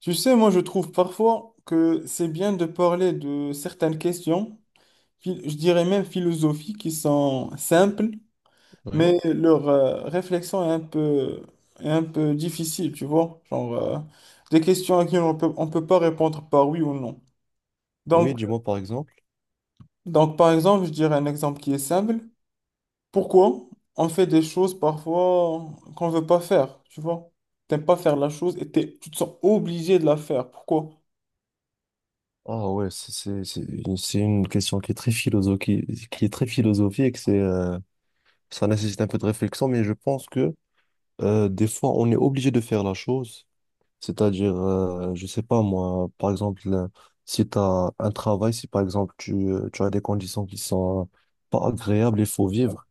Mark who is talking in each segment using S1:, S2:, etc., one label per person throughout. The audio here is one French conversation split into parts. S1: Tu sais, moi je trouve parfois que c'est bien de parler de certaines questions, je dirais même philosophiques, qui sont simples,
S2: Oui,
S1: mais leur réflexion est un peu difficile, tu vois. Genre, des questions à qui on peut pas répondre par oui ou non.
S2: oui,
S1: Donc,
S2: dis-moi par exemple.
S1: donc, par exemple, je dirais un exemple qui est simple. Pourquoi on fait des choses parfois qu'on veut pas faire, tu vois? T'aimes pas faire la chose et tu te sens obligé de la faire. Pourquoi?
S2: Ah ouais, c'est une question qui est très philosophique, c'est ça nécessite un peu de réflexion, mais je pense que des fois on est obligé de faire la chose, c'est-à-dire je sais pas moi, par exemple si tu as un travail, si par exemple tu as des conditions qui sont pas agréables, il faut vivre.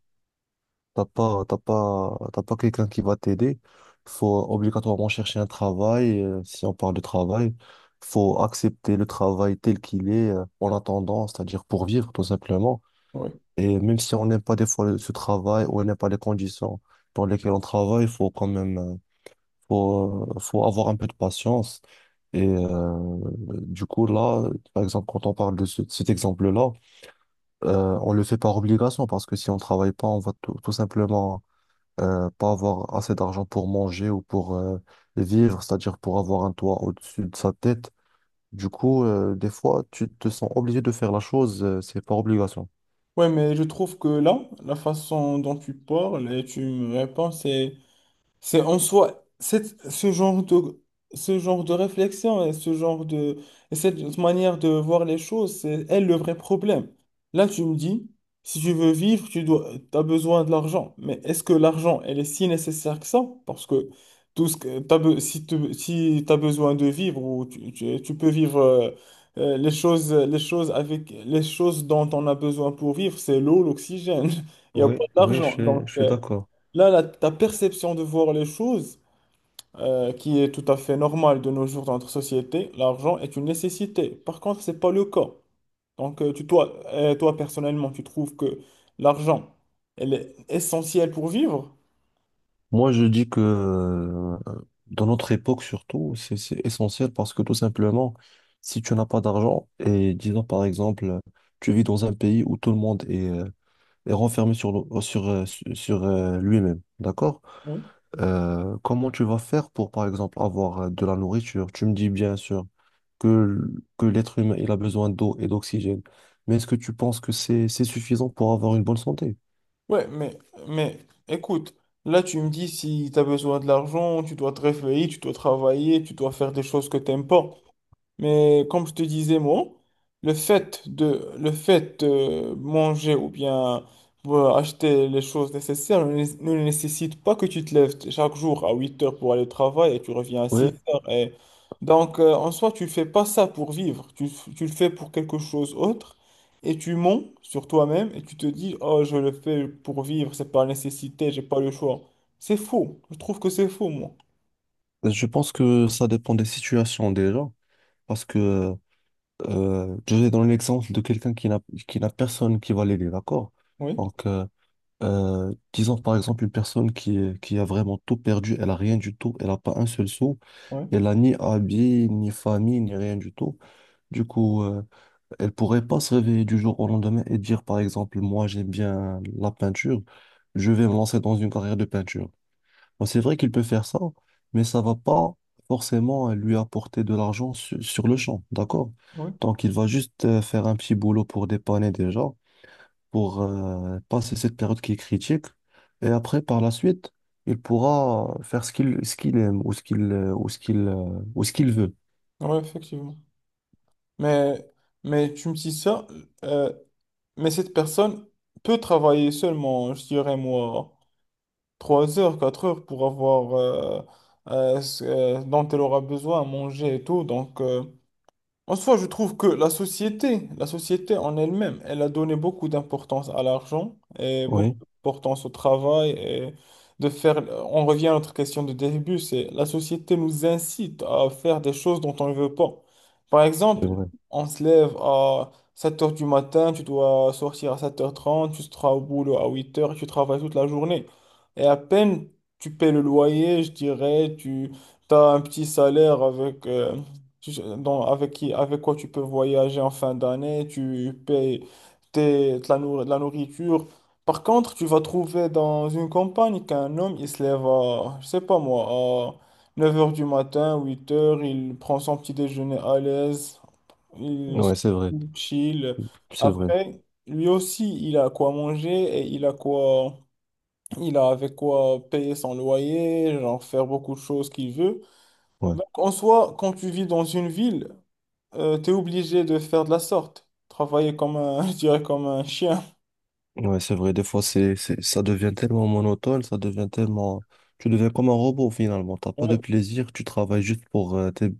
S2: T'as pas quelqu'un qui va t'aider. Faut obligatoirement chercher un travail. Si on parle de travail, faut accepter le travail tel qu'il est, en attendant, c'est-à-dire pour vivre tout simplement.
S1: Oui.
S2: Et même si on n'aime pas des fois ce travail ou on n'aime pas les conditions dans lesquelles on travaille, faut quand même, faut avoir un peu de patience. Et euh, du coup, là, par exemple, quand on parle de cet exemple-là, on le fait par obligation parce que si on travaille pas, on va tout simplement, pas avoir assez d'argent pour manger ou pour vivre, c'est-à-dire pour avoir un toit au-dessus de sa tête. Du coup, des fois, tu te sens obligé de faire la chose, c'est par obligation.
S1: Ouais, mais je trouve que là, la façon dont tu parles et tu me réponds, c'est en soi, ce genre de réflexion et ce genre de, et cette manière de voir les choses, c'est elle le vrai problème. Là, tu me dis, si tu veux vivre, tu dois, as besoin de l'argent. Mais est-ce que l'argent, elle est si nécessaire que ça? Parce que tout ce que si tu si t'as besoin de vivre ou tu peux vivre les choses avec les choses dont on a besoin pour vivre, c'est l'eau, l'oxygène. Il n'y a
S2: Oui,
S1: pas
S2: oui, je
S1: d'argent.
S2: suis,
S1: Donc,
S2: je suis d'accord.
S1: là, ta perception de voir les choses, qui est tout à fait normale de nos jours dans notre société, l'argent est une nécessité. Par contre, c'est pas le cas. Donc, tu, toi, toi, personnellement, tu trouves que l'argent, elle est essentielle pour vivre?
S2: Moi, je dis que dans notre époque surtout, c'est essentiel parce que tout simplement, si tu n'as pas d'argent et disons par exemple, tu vis dans un pays où tout le monde est renfermé sur lui-même, d'accord?
S1: Oui.
S2: Comment tu vas faire pour, par exemple, avoir de la nourriture? Tu me dis bien sûr que, que l'être humain, il a besoin d'eau et d'oxygène. Mais est-ce que tu penses que c'est suffisant pour avoir une bonne santé?
S1: Ouais, mais écoute, là, tu me dis si tu as besoin de l'argent, tu dois te réveiller, tu dois travailler, tu dois faire des choses que t'aimes pas. Mais comme je te disais, moi, le fait de manger ou bien acheter les choses nécessaires ne nécessite pas que tu te lèves chaque jour à 8 heures pour aller au travail et tu reviens à 6
S2: Oui,
S1: heures. Et... Donc, en soi, tu fais pas ça pour vivre. Tu le fais pour quelque chose autre et tu mens sur toi-même et tu te dis, oh, je le fais pour vivre, c'est par nécessité, j'ai pas le choix. C'est faux. Je trouve que c'est faux, moi.
S2: je pense que ça dépend des situations déjà. Parce que, je vais dans l'exemple de quelqu'un qui n'a personne qui va l'aider, d'accord?
S1: Oui,
S2: Donc, disons par exemple une personne qui a vraiment tout perdu, elle a rien du tout, elle n'a pas un seul sou,
S1: oui,
S2: elle a ni habit, ni famille, ni rien du tout. Du coup, elle pourrait pas se réveiller du jour au lendemain et dire par exemple, moi j'aime bien la peinture, je vais me lancer dans une carrière de peinture. Bon, c'est vrai qu'il peut faire ça, mais ça va pas forcément lui apporter de l'argent sur le champ, d'accord?
S1: oui,
S2: Donc, il va juste faire un petit boulot pour dépanner déjà, pour passer cette période qui est critique. Et après, par la suite, il pourra faire ce qu'il aime ou ce qu'il veut.
S1: oui, effectivement. Mais, mais tu me dis ça, euh, mais cette personne peut travailler seulement, je dirais moi, 3 heures, 4 heures pour avoir ce dont elle aura besoin à manger et tout. Donc, en soi, je trouve que la société en elle-même, elle a donné beaucoup d'importance à l'argent et beaucoup
S2: Oui,
S1: d'importance au travail et de faire. On revient à notre question de début, c'est la société nous incite à faire des choses dont on ne veut pas. Par
S2: c'est
S1: exemple,
S2: vrai.
S1: on se lève à 7 heures du matin, tu dois sortir à sept heures trente, tu seras au boulot à huit heures, tu travailles toute la journée. Et à peine tu paies le loyer, je dirais, tu as un petit salaire avec. Tu sais, donc, avec qui, avec quoi tu peux voyager en fin d'année, tu payes de la, de la nourriture. Par contre, tu vas trouver dans une campagne qu'un homme, il se lève à, je sais pas moi, à 9 h du matin, huit heures il prend son petit déjeuner à l'aise, il se
S2: Ouais, c'est vrai.
S1: chill.
S2: C'est vrai.
S1: Après, lui aussi, il a quoi manger et il a quoi, il a avec quoi payer son loyer, genre faire beaucoup de choses qu'il veut.
S2: Ouais.
S1: Donc, en soi, quand tu vis dans une ville, t'es obligé de faire de la sorte, travailler comme un, je dirais comme un chien.
S2: Ouais, c'est vrai, des fois, ça devient tellement monotone, ça devient tellement. Tu deviens comme un robot, finalement. T'as pas de
S1: Ouais,
S2: plaisir, tu travailles juste pour tes.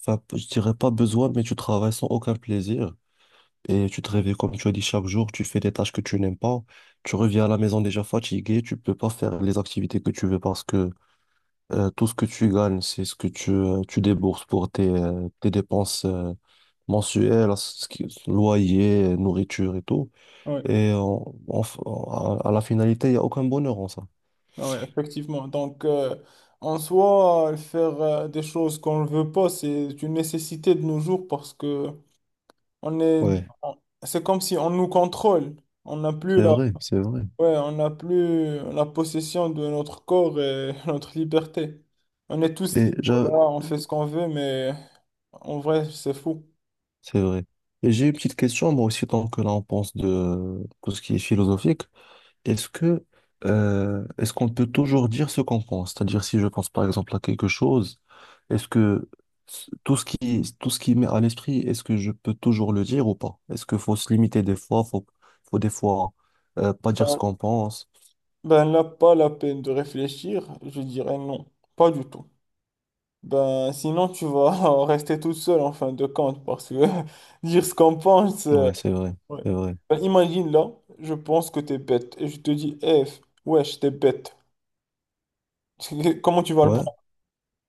S2: Enfin, je dirais pas besoin, mais tu travailles sans aucun plaisir. Et tu te réveilles, comme tu as dit, chaque jour, tu fais des tâches que tu n'aimes pas. Tu reviens à la maison déjà fatigué, tu peux pas faire les activités que tu veux parce que tout ce que tu gagnes, c'est ce que tu débourses pour tes dépenses mensuelles, loyer, nourriture et tout.
S1: ouais,
S2: Et à la finalité, il n'y a aucun bonheur en ça.
S1: ouais, effectivement. Donc, en soi, faire des choses qu'on ne veut pas, c'est une nécessité de nos jours parce que on est,
S2: Ouais,
S1: on- c'est comme si on nous contrôle. On n'a plus
S2: c'est
S1: la,
S2: vrai, c'est vrai.
S1: ouais, on n'a plus la possession de notre corps et notre liberté. On est tous
S2: Et
S1: libres là, on fait ce qu'on veut, mais en vrai, c'est fou.
S2: c'est vrai. Et j'ai une petite question, moi aussi, tant que là on pense de tout ce qui est philosophique, est-ce que, est-ce qu'on peut toujours dire ce qu'on pense? C'est-à-dire si je pense par exemple à quelque chose, est-ce que tout ce qui m'est à l'esprit, est-ce que je peux toujours le dire ou pas? Est-ce qu'il faut se limiter des fois, faut des fois pas dire ce
S1: Euh,
S2: qu'on pense?
S1: Ben là, pas la peine de réfléchir, je dirais non, pas du tout. Ben sinon, tu vas rester toute seule en fin de compte, parce que dire ce qu'on pense.
S2: Ouais, c'est vrai,
S1: Ouais.
S2: c'est vrai.
S1: Ben, imagine là, je pense que t'es bête, et je te dis, eh, wesh, t'es bête. Comment tu vas le
S2: Ouais.
S1: prendre?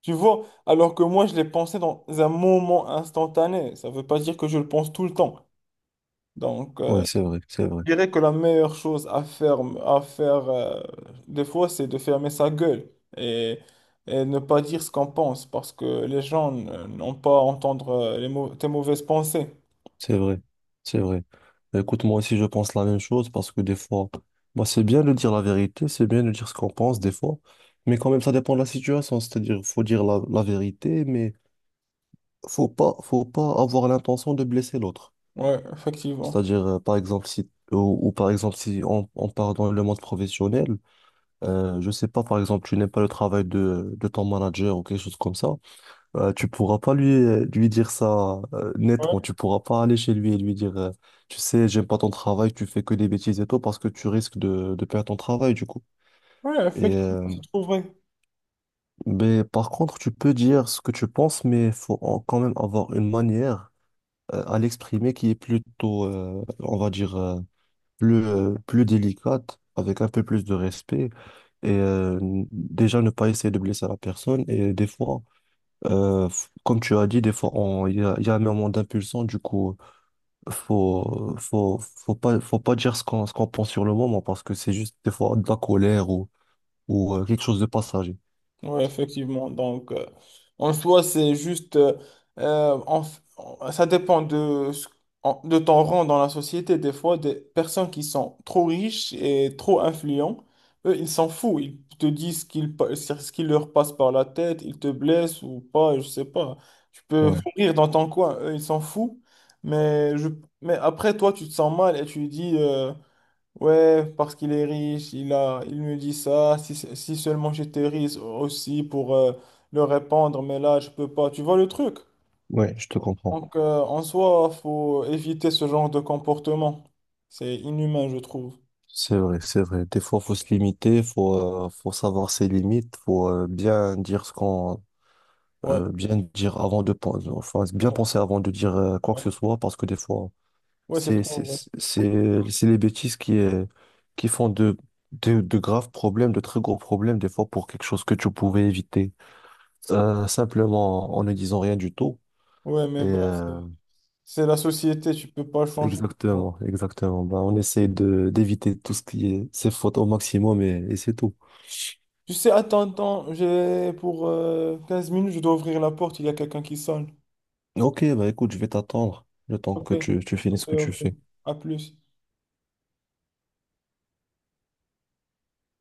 S1: Tu vois, alors que moi, je l'ai pensé dans un moment instantané, ça veut pas dire que je le pense tout le temps. Donc.
S2: Ouais, c'est vrai, c'est vrai,
S1: Je dirais que la meilleure chose à faire des fois, c'est de fermer sa gueule et, et ne pas dire ce qu'on pense parce que les gens n'ont pas à entendre tes mauvaises pensées.
S2: c'est vrai, c'est vrai. Bah, écoute, moi aussi, je pense la même chose parce que des fois, bah, c'est bien de dire la vérité, c'est bien de dire ce qu'on pense des fois, mais quand même, ça dépend de la situation. C'est-à-dire, faut dire la vérité, mais faut pas avoir l'intention de blesser l'autre.
S1: Ouais, effectivement.
S2: C'est-à-dire, par exemple, si, ou par exemple, si on, on part dans le monde professionnel, je sais pas, par exemple, tu n'aimes pas le travail de ton manager ou quelque chose comme ça. Tu pourras pas lui dire ça, nettement.
S1: Ouais,
S2: Tu pourras pas aller chez lui et lui dire, tu sais, j'aime pas ton travail, tu fais que des bêtises et tout, parce que tu risques de perdre ton travail, du coup.
S1: ouais,
S2: Et,
S1: effectivement,
S2: euh,
S1: c'est trop vrai.
S2: mais par contre, tu peux dire ce que tu penses, mais faut quand même avoir une manière à l'exprimer qui est plutôt, on va dire, plus délicate, avec un peu plus de respect. Et, déjà, ne pas essayer de blesser la personne. Et des fois, comme tu as dit, des fois, il y a un moment d'impulsion, du coup, faut pas dire ce qu'on pense sur le moment parce que c'est juste des fois de la colère, ou, quelque chose de passager.
S1: Oui, effectivement. Donc, en soi, c'est juste, ça dépend de, de ton rang dans la société. Des fois, des personnes qui sont trop riches et trop influents, eux, ils s'en foutent. Ils te disent ce qui leur passe par la tête, ils te blessent ou pas, je sais pas. Tu peux
S2: Ouais,
S1: mourir dans ton coin, eux, ils s'en foutent. Mais, je, mais après, toi, tu te sens mal et tu dis... Ouais, parce qu'il est riche, il me dit ça. Si seulement j'étais riche aussi pour le répandre, mais là, je peux pas. Tu vois le truc?
S2: ouais, je te comprends.
S1: Donc, en soi, faut éviter ce genre de comportement. C'est inhumain, je trouve.
S2: C'est vrai, c'est vrai. Des fois, faut se limiter, faut savoir ses limites, faut
S1: Ouais,
S2: bien dire avant de penser, enfin, bien penser avant de dire quoi que ce soit parce que des fois,
S1: ouais, c'est
S2: C'est c'est-
S1: trop vrai.
S2: c'est les bêtises qui font de graves problèmes, de très gros problèmes, des fois pour quelque chose que tu pouvais éviter, simplement en ne disant rien du tout.
S1: Ouais,
S2: Et,
S1: mais bon, c'est
S2: euh,
S1: c'est la société, tu peux pas changer. Bon.
S2: exactement, exactement. Bah, on essaie de d'éviter tout ce qui est ces fautes au maximum, c'est tout.
S1: Tu sais, attends, attends, j'ai pour 15 minutes, je dois ouvrir la porte, il y a quelqu'un qui sonne.
S2: Ok, bah écoute, je vais t'attendre le temps
S1: Ok,
S2: que tu finisses
S1: ok,
S2: ce que tu
S1: ok.
S2: fais.
S1: À plus.